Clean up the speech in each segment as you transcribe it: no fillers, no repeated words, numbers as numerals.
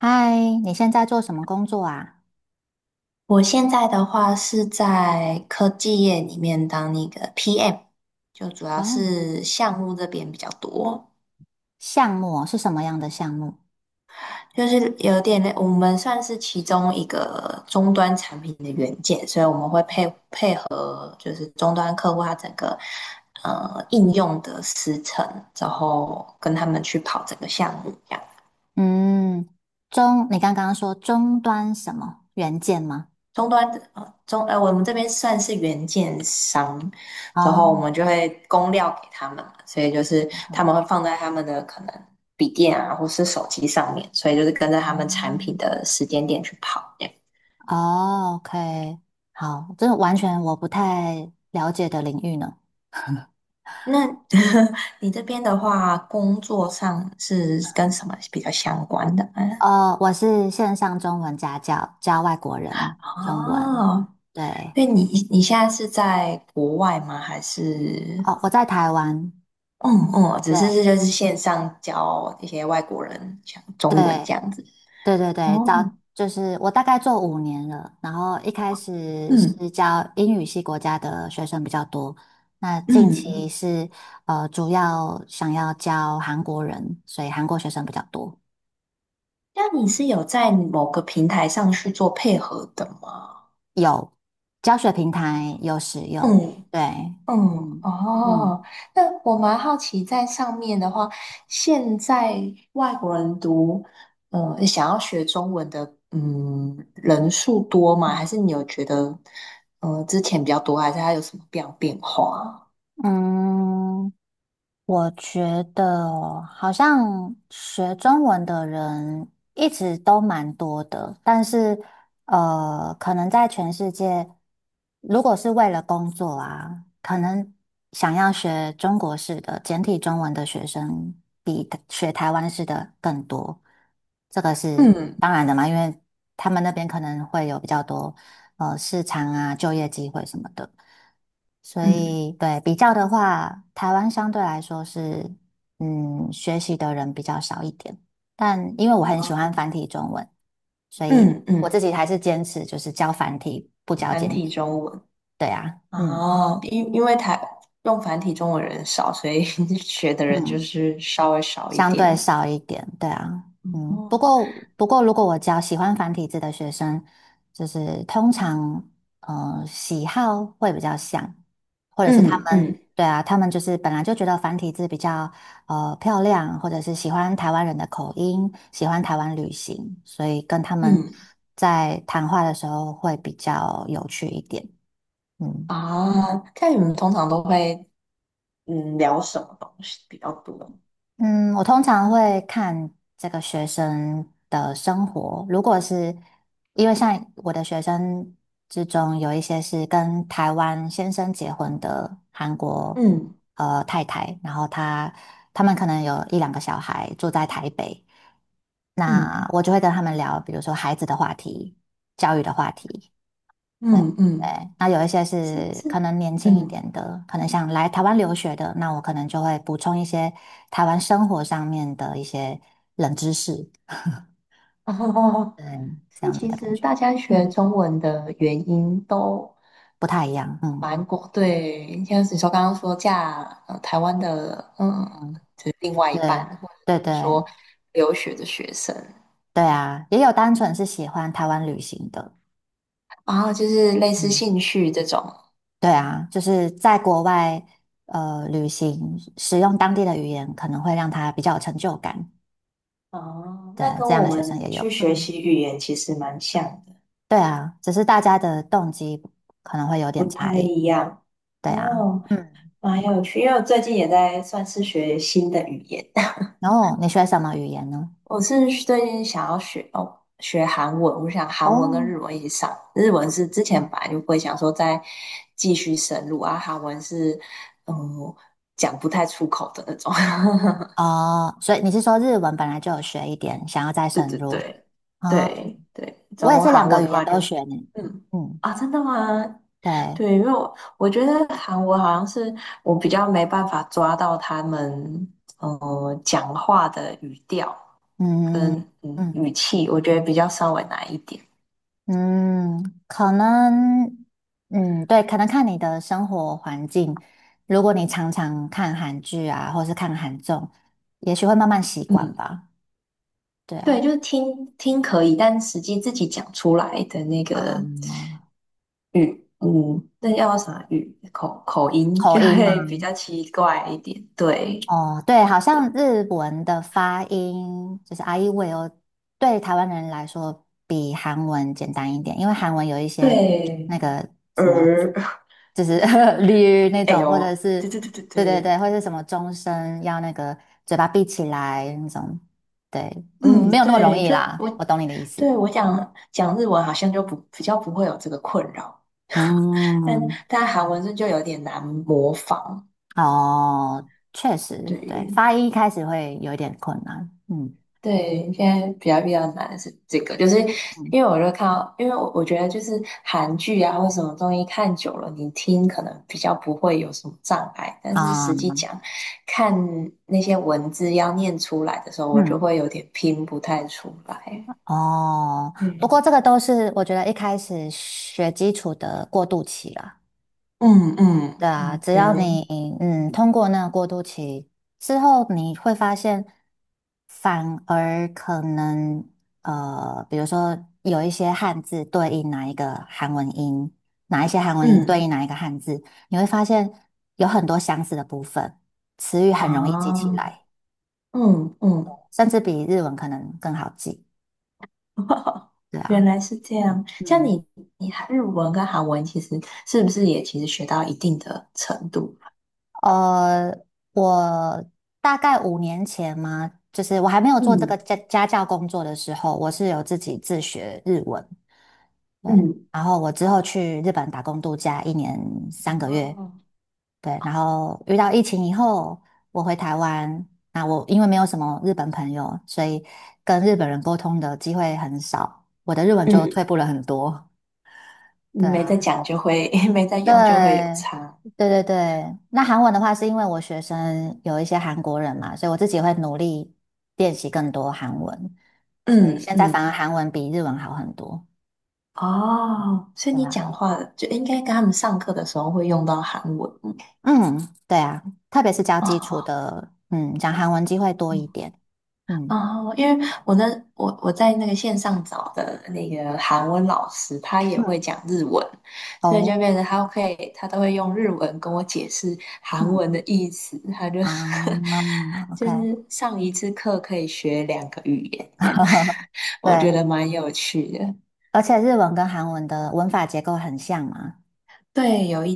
嗨，你现在做什么工作啊？我现在的话是在科技业里面当那个 PM，就主要哦，是项目这边比较多，项目哦是什么样的项目？就是有点类我们算是其中一个终端产品的元件，所以我们会配合就是终端客户他整个应用的时程，然后跟他们去跑整个项目这样。嗯，你刚刚说终端什么元件吗？终端的呃终呃，我们这边算是原件商，然后我哦，们就会供料给他们嘛，所以就是他们会放在他们的可能笔电啊，或是手机上面，所以就是跟着他们产品的时间点去跑这样。哦，OK，好，这完全我不太了解的领域呢。那 你这边的话，工作上是跟什么比较相关的哦，我是线上中文家教，教外国人中文。哦，对，那你现在是在国外吗？还是？哦，我在台湾。嗯嗯，只对是这就是线上教一些外国人讲对，中文这样子。对对对，哦，就是我大概做五年了，然后一开始嗯是教英语系国家的学生比较多，那近嗯，期是主要想要教韩国人，所以韩国学生比较多，那你是有在某个平台上去做配合的吗？有教学平台有使用，嗯对，嗯，嗯嗯哦，那我蛮好奇，在上面的话，现在外国人读，嗯，想要学中文的，嗯，人数多吗？还嗯。是你有觉得，嗯，之前比较多，还是它有什么样变化？嗯我觉得哦好像学中文的人一直都蛮多的，但是可能在全世界，如果是为了工作啊，可能想要学中国式的简体中文的学生比学台湾式的更多，这个是嗯当然的嘛，因为他们那边可能会有比较多市场啊、就业机会什么的。所嗯。以对比较的话，台湾相对来说是学习的人比较少一点，但因为我很喜欢繁体中文，所以嗯我自嗯，己还是坚持就是教繁体不教繁简体体。中文对啊，嗯。啊，因为台用繁体中文人少，所以 学的人就嗯。是稍微少一相对点。少一点，对啊，嗯，不过，如果我教喜欢繁体字的学生，就是通常，喜好会比较像，或者是他嗯们，嗯对啊，他们就是本来就觉得繁体字比较漂亮，或者是喜欢台湾人的口音，喜欢台湾旅行，所以跟他们嗯在谈话的时候会比较有趣一点，嗯。啊，看你们通常都会聊什么东西比较多？嗯，我通常会看这个学生的生活。如果是因为像我的学生之中，有一些是跟台湾先生结婚的韩国嗯太太，然后他们可能有一两个小孩住在台北，那嗯我就会跟他们聊，比如说孩子的话题、教育的话题。对嗯嗯，对，那有一些是是是，可能年轻一嗯点的，可能想来台湾留学的，那我可能就会补充一些台湾生活上面的一些冷知识，哦，嗯，这所以样子其的感实觉，大家学嗯，中文的原因都不太一样，嗯蛮广，对，像是你刚刚说嫁台湾的，嗯，嗯，就是另外一半，对或者对是说对留学的学生，对啊，也有单纯是喜欢台湾旅行的，然后就是类似嗯，兴趣这种，对啊，就是在国外旅行，使用当地的语言可能会让他比较有成就感，哦，对，那跟这样我的学生们也有，去学嗯。习语言其实蛮像的，对啊，只是大家的动机可能会有不点差太异。一样。对啊，哦，嗯，蛮有趣，因为我最近也在算是学新的语言，然后你学什么语言呢？我是最近想要学学韩文，我想韩文哦，跟日文一起上。日文是之前哦本来就不会想说再继续深入啊，韩文是嗯讲不太出口的那种。哦，所以你是说日文本来就有学一点，想要再对深对入？对哦，对对，然我也后是两韩文个的语言话就都学呢。嗯嗯，啊，真的吗？对，对，因为我觉得韩文好像是我比较没办法抓到他们讲话的语调嗯跟嗯语气，我觉得比较稍微难一点。嗯，可能，嗯，对，可能看你的生活环境，如果你常常看韩剧啊，或是看韩综，也许会慢慢习惯嗯，吧。对对，啊，就是听听可以，但实际自己讲出来的那个嗯。语，嗯，那叫啥语？口音就口音吗？会比较奇怪一点。对，哦，对，好像日文的发音就是 i e w i 对台湾人来说比韩文简单一点，因为韩文有一些那对，个儿，就是 l y 那哎种，或者呦，是对对对对对对对，对，或者是什么终身要那个嘴巴闭起来那种，对，嗯，嗯，没有那么容对，易就啦，我我，懂你的意思。对我讲日文好像就不比较不会有这个困扰，但嗯，但韩文是就有点难模仿。哦，确实，对，对，发音一开始会有一点困难，嗯对，现在比较难的是这个，就是嗯因为我就看到，因为我觉得就是韩剧啊或什么东西看久了，你听可能比较不会有什么障碍，但是啊，实际讲，看那些文字要念出来的时候，我就嗯会有点拼不太出来。哦，不嗯，过这个都是我觉得一开始学基础的过渡期啦。嗯对嗯啊，嗯，只对要对，你通过那个过渡期之后，你会发现，反而可能比如说有一些汉字对应哪一个韩文音，哪一些韩文音嗯对应哪一个汉字，你会发现有很多相似的部分，词语很容易记起啊，来，嗯嗯，甚至比日文可能更好记。对原啊，来是这样。像嗯。你，你日文跟韩文其实是不是也其实学到一定的程度？呃，我大概5年前嘛，就是我还没有做这个嗯家教工作的时候，我是有自己自学日文。对，嗯然后我之后去日本打工度假1年3个月。哦，对，然后遇到疫情以后，我回台湾。那我因为没有什么日本朋友，所以跟日本人沟通的机会很少，我的日文就嗯，退步了很多。对没在啊。讲就会，没在用就会有对，差。对对对。那韩文的话，是因为我学生有一些韩国人嘛，所以我自己会努力练习更多韩文，所以嗯现在反而嗯，韩文比日文好很多。哦，所以对你讲啊，话就应该跟他们上课的时候会用到韩文。嗯，对啊，特别是教基础哦，的，嗯，讲韩文机会多一点。嗯哦，因为我那我在那个线上找的那个韩文老师，他也会嗯，讲日文，所以就哦，变成他可以他都会用日文跟我解释韩嗯文的意思，他就 啊 嗯就，OK，是上一次课可以学两个语言这样，对，我觉得蛮有趣的。而且日文跟韩文的文法结构很像嘛。对，有一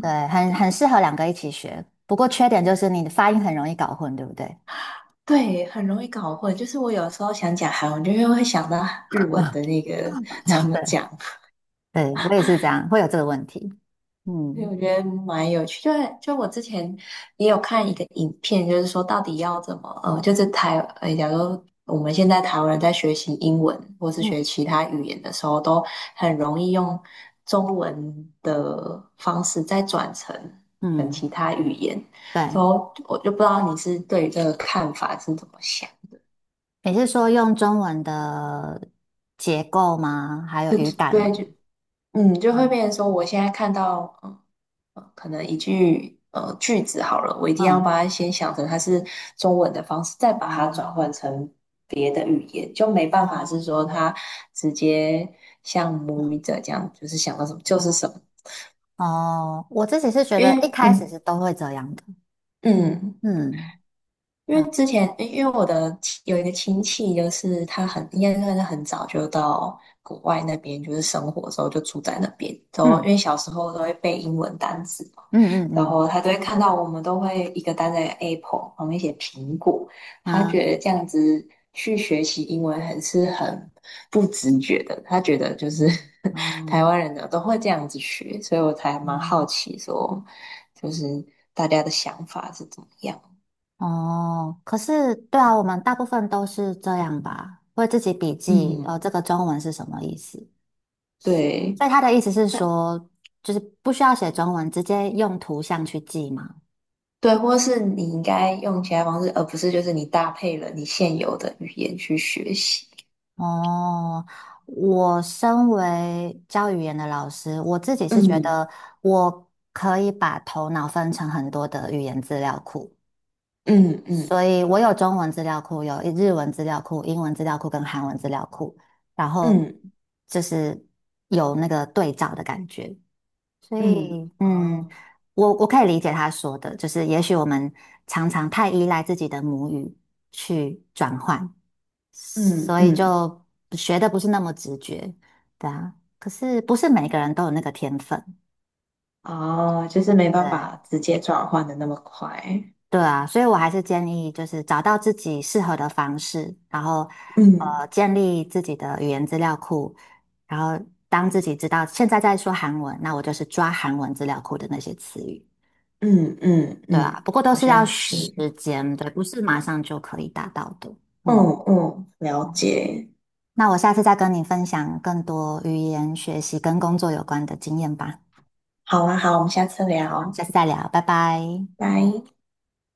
对，很适合两个一起学。不过缺点就是你的发音很容易搞混，对不对？对，很容易搞混。就是我有时候想讲韩文，就又会想到日文的 那个怎么对，讲，对，我也是这样，会有这个问题。对，嗯我觉得蛮有趣。就我之前也有看一个影片，就是说到底要怎么，呃，就是台，假如我们现在台湾人在学习英文或是学嗯其他语言的时候，都很容易用中文的方式再转成跟其嗯，他语言。然对。后我就不知道你是对于这个看法是怎么想？你是说用中文的结构吗？还有语的，感吗？对，就。嗯，就会嗯变成说，我现在看到，嗯，可能一句句子好了，我一定要嗯把它先想成它是中文的方式，再把它转换嗯成别的语言，就没办法是哦说它直接像母语者这样，就是想到什么就是哦什么，哦，我自己是觉得因一为开始是都会这样的。嗯。嗯因为啊之前，因为我的亲有一个亲戚，就是他很应该算是很早就到国外那边，就是生活的时候就住在那边。然后因嗯为小时候都会背英文单词嘛，嗯嗯然嗯后他都会看到我们都会一个单在 Apple 旁边写苹果，他觉得嗯这样子去学习英文是很不直觉的，他觉得就是 台嗯湾人呢都会这样子学，所以我才蛮好嗯。奇说，就是大家的想法是怎么样，哦，可是对啊，我们大部分都是这样吧，会自己笔记，嗯。这个中文是什么意思？对，所以他的意思是它说，就是不需要写中文，直接用图像去记嘛。对，或是你应该用其他方式，而不是就是你搭配了你现有的语言去学习。哦，我身为教语言的老师，我自己是觉嗯得我可以把头脑分成很多的语言资料库。嗯嗯所以我有中文资料库，有日文资料库、英文资料库跟韩文资料库，然后嗯就是有那个对照的感觉。所嗯，以，嗯，哦，我可以理解他说的，就是也许我们常常太依赖自己的母语去转换，嗯所以嗯就学的不是那么直觉，对啊。可是不是每个人都有那个天分，哦，就是没办法对。直接转换的那么快。对啊，所以我还是建议就是找到自己适合的方式，然后嗯建立自己的语言资料库，然后当自己知道现在在说韩文，那我就是抓韩文资料库的那些词语，嗯嗯对啊，嗯，不过都好是要像时是。间，对，不是马上就可以达到的。嗯嗯，嗯，了解。那我下次再跟你分享更多语言学习跟工作有关的经验吧。好啊，好，我们下次好，聊，下次再聊，拜拜。拜。